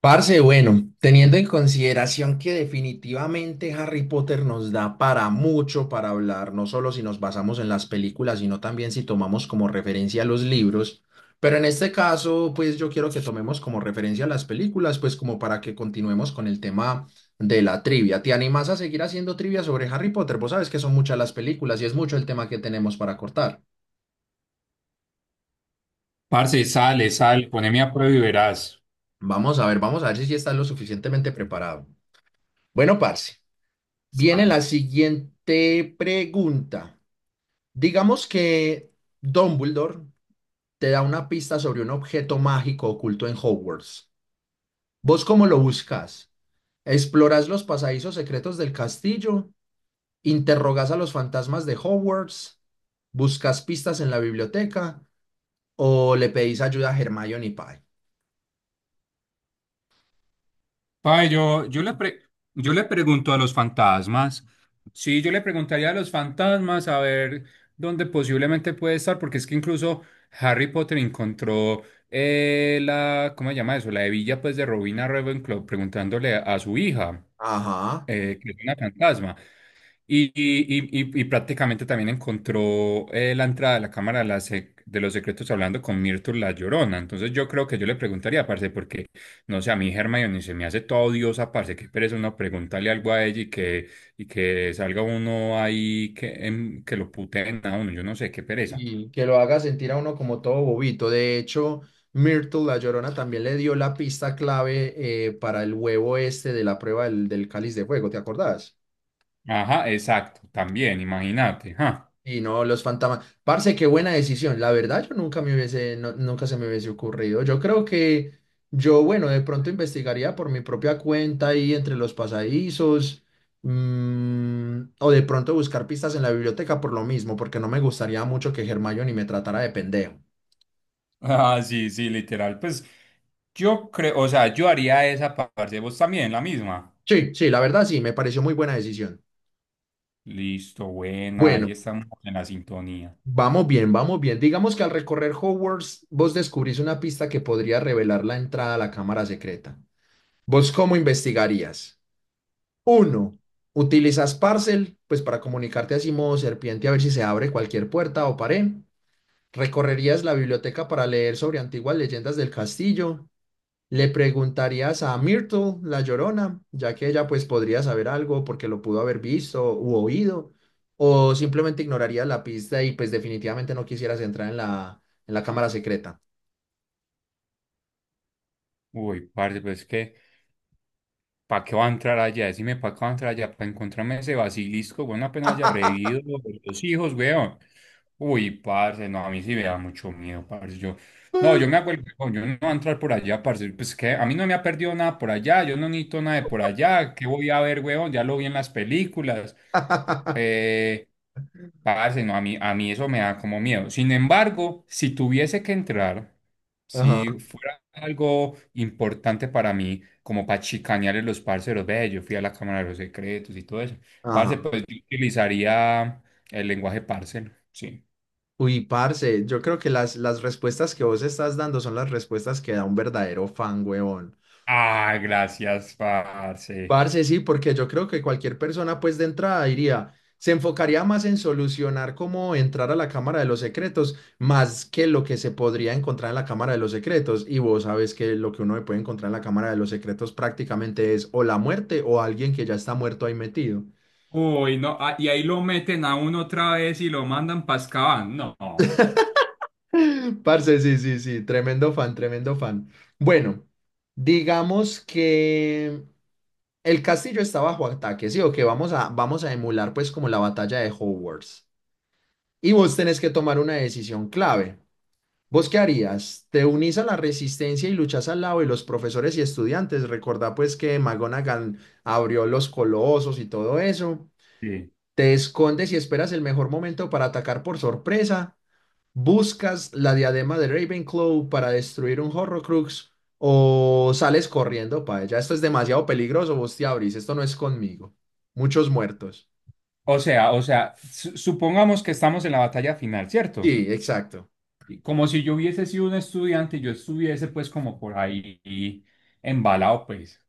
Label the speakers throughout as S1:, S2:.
S1: Parce, bueno, teniendo en consideración que definitivamente Harry Potter nos da para mucho para hablar, no solo si nos basamos en las películas, sino también si tomamos como referencia los libros, pero en este caso, pues yo quiero que tomemos como referencia las películas, pues como para que continuemos con el tema de la trivia. ¿Te animas a seguir haciendo trivia sobre Harry Potter? Vos sabes que son muchas las películas y es mucho el tema que tenemos para cortar.
S2: Parce, sale, sale, poneme a prueba y verás.
S1: Vamos a ver si sí estás lo suficientemente preparado. Bueno, parce. Viene la siguiente pregunta. Digamos que Dumbledore te da una pista sobre un objeto mágico oculto en Hogwarts. ¿Vos cómo lo buscas? ¿Exploras los pasadizos secretos del castillo? ¿Interrogas a los fantasmas de Hogwarts? ¿Buscas pistas en la biblioteca? ¿O le pedís ayuda a Hermione y Pai?
S2: Pa, yo le pre- yo le pregunto a los fantasmas. Sí, yo le preguntaría a los fantasmas a ver dónde posiblemente puede estar, porque es que incluso Harry Potter encontró la, ¿cómo se llama eso? La hebilla pues de Robina Ravenclaw preguntándole a su hija,
S1: Ajá.
S2: que es una fantasma. Y, y prácticamente también encontró la entrada de la Cámara de, la Sec- de los Secretos hablando con Myrtle la Llorona. Entonces yo creo que yo le preguntaría, parce, porque no sé, a mí Hermione se me hace toda odiosa, parce, qué pereza uno preguntarle algo a ella y que salga uno ahí que, que lo puteen a uno. Yo no sé, qué pereza.
S1: Y que lo haga sentir a uno como todo bobito. De hecho, Myrtle La Llorona también le dio la pista clave para el huevo este de la prueba del, del cáliz de fuego, ¿te acordás?
S2: Ajá, exacto, también, imagínate. Ajá.
S1: Y no los fantasmas. Parce, qué buena decisión. La verdad, yo nunca me hubiese, nunca se me hubiese ocurrido. Yo creo que yo, bueno, de pronto investigaría por mi propia cuenta ahí entre los pasadizos. O de pronto buscar pistas en la biblioteca por lo mismo, porque no me gustaría mucho que Hermione me tratara de pendejo.
S2: Ah, sí, sí, literal. Pues yo creo, o sea, yo haría esa parte, vos también, la misma.
S1: Sí, sí, la verdad sí, me pareció muy buena decisión.
S2: Listo, buena,
S1: Bueno,
S2: ahí estamos en la sintonía.
S1: vamos bien, vamos bien. Digamos que al recorrer Hogwarts, vos descubrís una pista que podría revelar la entrada a la cámara secreta. ¿Vos cómo investigarías? Uno, utilizas Parcel, pues para comunicarte así modo serpiente a ver si se abre cualquier puerta o pared. Recorrerías la biblioteca para leer sobre antiguas leyendas del castillo. Le preguntarías a Myrtle, la Llorona, ya que ella pues podría saber algo porque lo pudo haber visto u oído, o simplemente ignorarías la pista y pues definitivamente no quisieras entrar en la cámara secreta.
S2: Uy, parce, pues que ¿para qué va a entrar allá? Decime, ¿para qué va a entrar allá? Para encontrarme ese basilisco, weón, apenas haya revivido los hijos, weón. Uy, parce, no, a mí sí me da mucho miedo, parce. Yo, no, yo me hago el weón, yo no voy a entrar por allá, parce. Pues que a mí no me ha perdido nada por allá, yo no necesito nada de por allá. ¿Qué voy a ver, weón? Ya lo vi en las películas. Eh, Parce, no, a mí eso me da como miedo. Sin embargo, si tuviese que entrar,
S1: Ajá,
S2: si fuera algo importante para mí como para chicanearle a los parceros, ve, yo fui a la Cámara de los Secretos y todo eso. Parce,
S1: ajá.
S2: pues yo utilizaría el lenguaje parcero, sí.
S1: Uy, parce, yo creo que las respuestas que vos estás dando son las respuestas que da un verdadero fan, huevón.
S2: Ah, gracias, parce.
S1: Parce, sí, porque yo creo que cualquier persona, pues de entrada diría, se enfocaría más en solucionar cómo entrar a la Cámara de los Secretos, más que lo que se podría encontrar en la Cámara de los Secretos. Y vos sabes que lo que uno se puede encontrar en la Cámara de los Secretos prácticamente es o la muerte o alguien que ya está muerto ahí metido.
S2: Uy, no, ah, y ahí lo meten a uno otra vez y lo mandan para Azkaban. No.
S1: Parce, sí, sí, sí, tremendo fan, tremendo fan. Bueno, digamos que el castillo está bajo ataque, sí, o que vamos a, vamos a emular pues como la batalla de Hogwarts. Y vos tenés que tomar una decisión clave. ¿Vos qué harías? ¿Te unís a la resistencia y luchás al lado de los profesores y estudiantes? Recordá pues que McGonagall abrió los colosos y todo eso.
S2: Sí.
S1: ¿Te escondes y esperas el mejor momento para atacar por sorpresa? ¿Buscas la diadema de Ravenclaw para destruir un Horrocrux? ¿O sales corriendo para ella? Esto es demasiado peligroso, vos te abrís, esto no es conmigo. Muchos muertos.
S2: O sea, su- supongamos que estamos en la batalla final, ¿cierto?
S1: Sí, exacto.
S2: Y como si yo hubiese sido un estudiante yo estuviese pues como por ahí embalado, pues.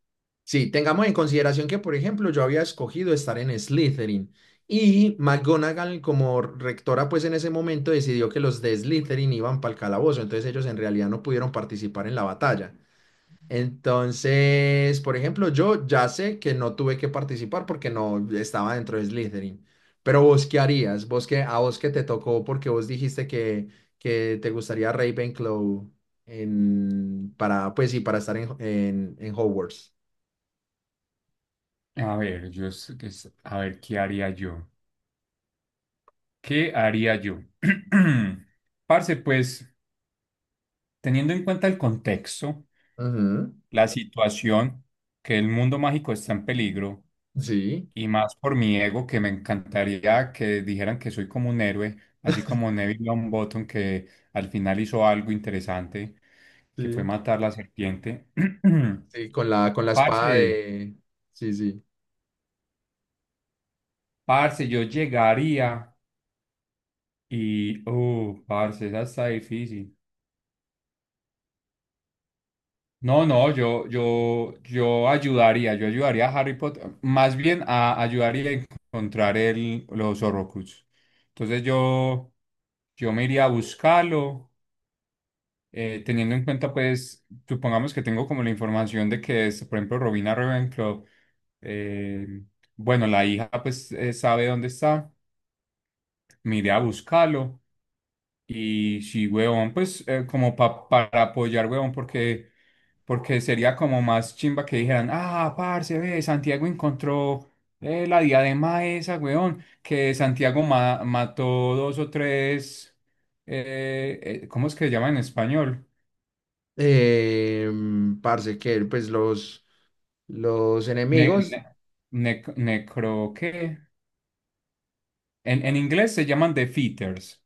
S1: Sí, tengamos en consideración que, por ejemplo, yo había escogido estar en Slytherin y McGonagall como rectora, pues en ese momento decidió que los de Slytherin iban para el calabozo, entonces ellos en realidad no pudieron participar en la batalla. Entonces, por ejemplo, yo ya sé que no tuve que participar porque no estaba dentro de Slytherin. Pero vos, ¿qué harías? ¿Vos qué, a vos que te tocó porque vos dijiste que te gustaría Ravenclaw pues sí, para estar en, en Hogwarts?
S2: A ver, yo, es- que es- a ver, ¿qué haría yo? ¿Qué haría yo? Parce, pues teniendo en cuenta el contexto,
S1: Ujú.
S2: la situación, que el mundo mágico está en peligro,
S1: Sí,
S2: y más por mi ego, que me encantaría que dijeran que soy como un héroe, así como Neville Longbottom, que al final hizo algo interesante, que fue
S1: sí,
S2: matar la serpiente.
S1: sí, con la espada
S2: Parce,
S1: de... Sí, sí.
S2: parce, yo llegaría y, oh, parce, esa está difícil. No, no, yo ayudaría a Harry Potter, más bien a ayudaría a encontrar el, los Horrocrux. Entonces yo me iría a buscarlo, teniendo en cuenta, pues, supongamos que tengo como la información de que es, por ejemplo, Robina Ravenclaw, eh, bueno, la hija pues sabe dónde está, me iría a buscarlo. Y sí, huevón, pues como pa- para apoyar, huevón, porque, porque sería como más chimba que dijeran, ah, parce, ve, Santiago encontró la diadema esa, huevón, que Santiago ma- mató dos o tres, ¿cómo es que se llama en español?
S1: Eh, parce, que pues los
S2: Ne-
S1: enemigos...
S2: ne- nec- necro, ¿qué? En inglés se llaman defeaters,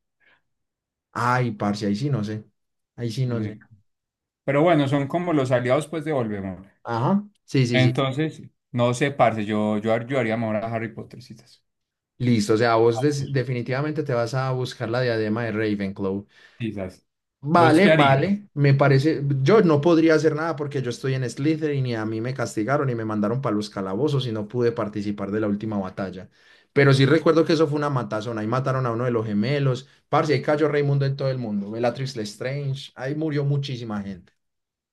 S1: Ay, parce, ahí sí no sé. Ahí sí no sé.
S2: ne- pero bueno, son como los aliados, pues, de Voldemort.
S1: Ajá, sí, sí, sí.
S2: Entonces, no sé, parce, yo haría mejor a Harry Pottercitas.
S1: Listo, o sea, vos definitivamente te vas a buscar la diadema de Ravenclaw.
S2: Quizás. ¿Vos
S1: Vale,
S2: qué harías?
S1: vale, me parece, yo no podría hacer nada porque yo estoy en Slytherin y a mí me castigaron y me mandaron para los calabozos y no pude participar de la última batalla. Pero sí recuerdo que eso fue una matazón, ahí mataron a uno de los gemelos, parce, ahí cayó Raimundo en todo el mundo, Bellatrix Lestrange, ahí murió muchísima gente.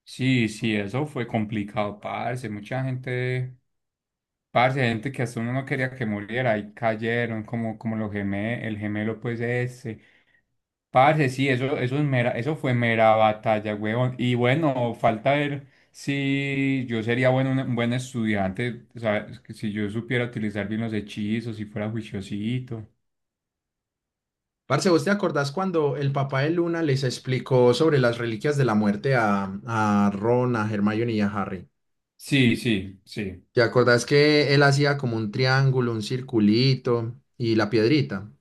S2: Sí, sí, eso fue complicado, parce. Mucha gente, parce, gente que hasta uno no quería que muriera y cayeron como, como los gemé, el gemelo, pues ese. Parce, sí, eso es mera, eso fue mera batalla, huevón. Y bueno, falta ver si yo sería bueno, un buen estudiante, o sea, es que si yo supiera utilizar bien los hechizos, si fuera juiciosito.
S1: Parce, ¿vos te acordás cuando el papá de Luna les explicó sobre las reliquias de la muerte a Ron, a Hermione y a Harry?
S2: Sí, sí, sí.
S1: ¿Te acordás que él hacía como un triángulo, un circulito y la piedrita?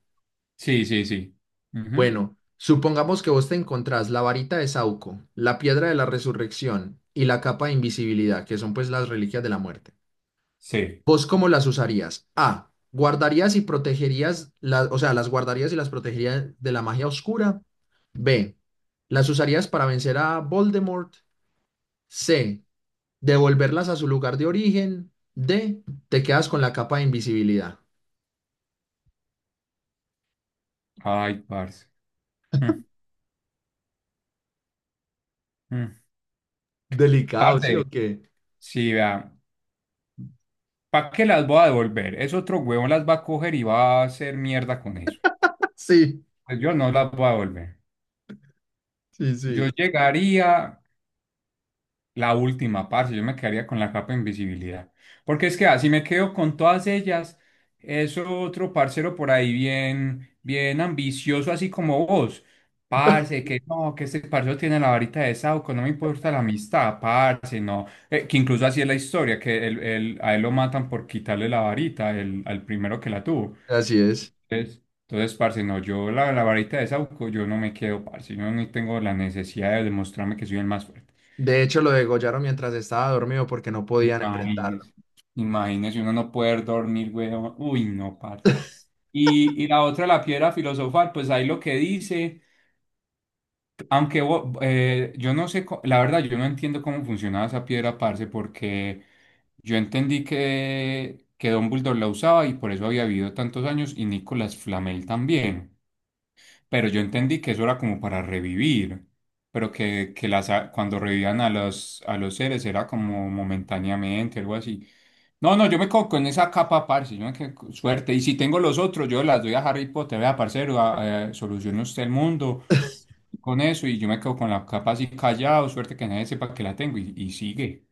S2: Sí, sí, sí. Ujú.
S1: Bueno, supongamos que vos te encontrás la varita de Sauco, la piedra de la resurrección y la capa de invisibilidad, que son pues las reliquias de la muerte.
S2: Sí.
S1: ¿Vos cómo las usarías? A. Guardarías y protegerías, o sea, las guardarías y las protegerías de la magia oscura. B. Las usarías para vencer a Voldemort. C. Devolverlas a su lugar de origen. D. Te quedas con la capa de invisibilidad.
S2: Ay, parce. Mm, mm.
S1: Delicado, ¿sí o
S2: Parce,
S1: qué?
S2: sí, vea, ¿para qué las voy a devolver? Es otro huevón las va a coger y va a hacer mierda con eso.
S1: Sí,
S2: Pues yo no las voy a devolver.
S1: sí,
S2: Yo
S1: sí.
S2: llegaría, la última, parce, yo me quedaría con la capa de invisibilidad. Porque es que así me quedo con todas ellas, eso otro parcero por ahí bien, bien ambicioso, así como vos. Parce, que no, que este parcero tiene la varita de Sauco, no me importa la amistad, parce, no. Que incluso así es la historia, que él- a él lo matan por quitarle la varita el- al primero que la tuvo.
S1: Así es.
S2: Entonces, entonces, parce, no, yo la, la varita de Sauco, yo no me quedo, parce, yo no tengo la necesidad de demostrarme que soy el más fuerte.
S1: De hecho, lo degollaron mientras estaba dormido porque no podían enfrentarlo.
S2: Imagínese, imagínese uno no poder dormir, güey. Uy, no, parce. Y la otra, la piedra filosofal, pues ahí lo que dice, aunque bo- yo no sé, co- la verdad, yo no entiendo cómo funcionaba esa piedra, parce, porque yo entendí que Dumbledore la usaba y por eso había vivido tantos años y Nicolas Flamel también. Pero yo entendí que eso era como para revivir, pero que las, a- cuando revivían a los seres era como momentáneamente, algo así. No, no, yo me quedo con esa capa, parce, yo me quedo con suerte. Y si tengo los otros, yo las doy a Harry Potter, vea, parcero, a- solucione usted el mundo con eso. Y yo me quedo con la capa así callado, suerte que nadie sepa que la tengo. Y sigue,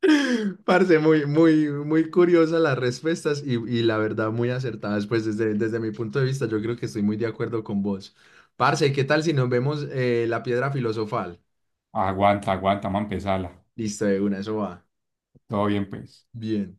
S1: Parce, muy, muy, muy curiosas las respuestas y la verdad muy acertadas. Pues desde, desde mi punto de vista, yo creo que estoy muy de acuerdo con vos. Parce, ¿qué tal si nos vemos la piedra filosofal?
S2: aguanta, aguanta, vamos a empezarla.
S1: Listo, de una, eso va.
S2: Todo bien, pues.
S1: Bien.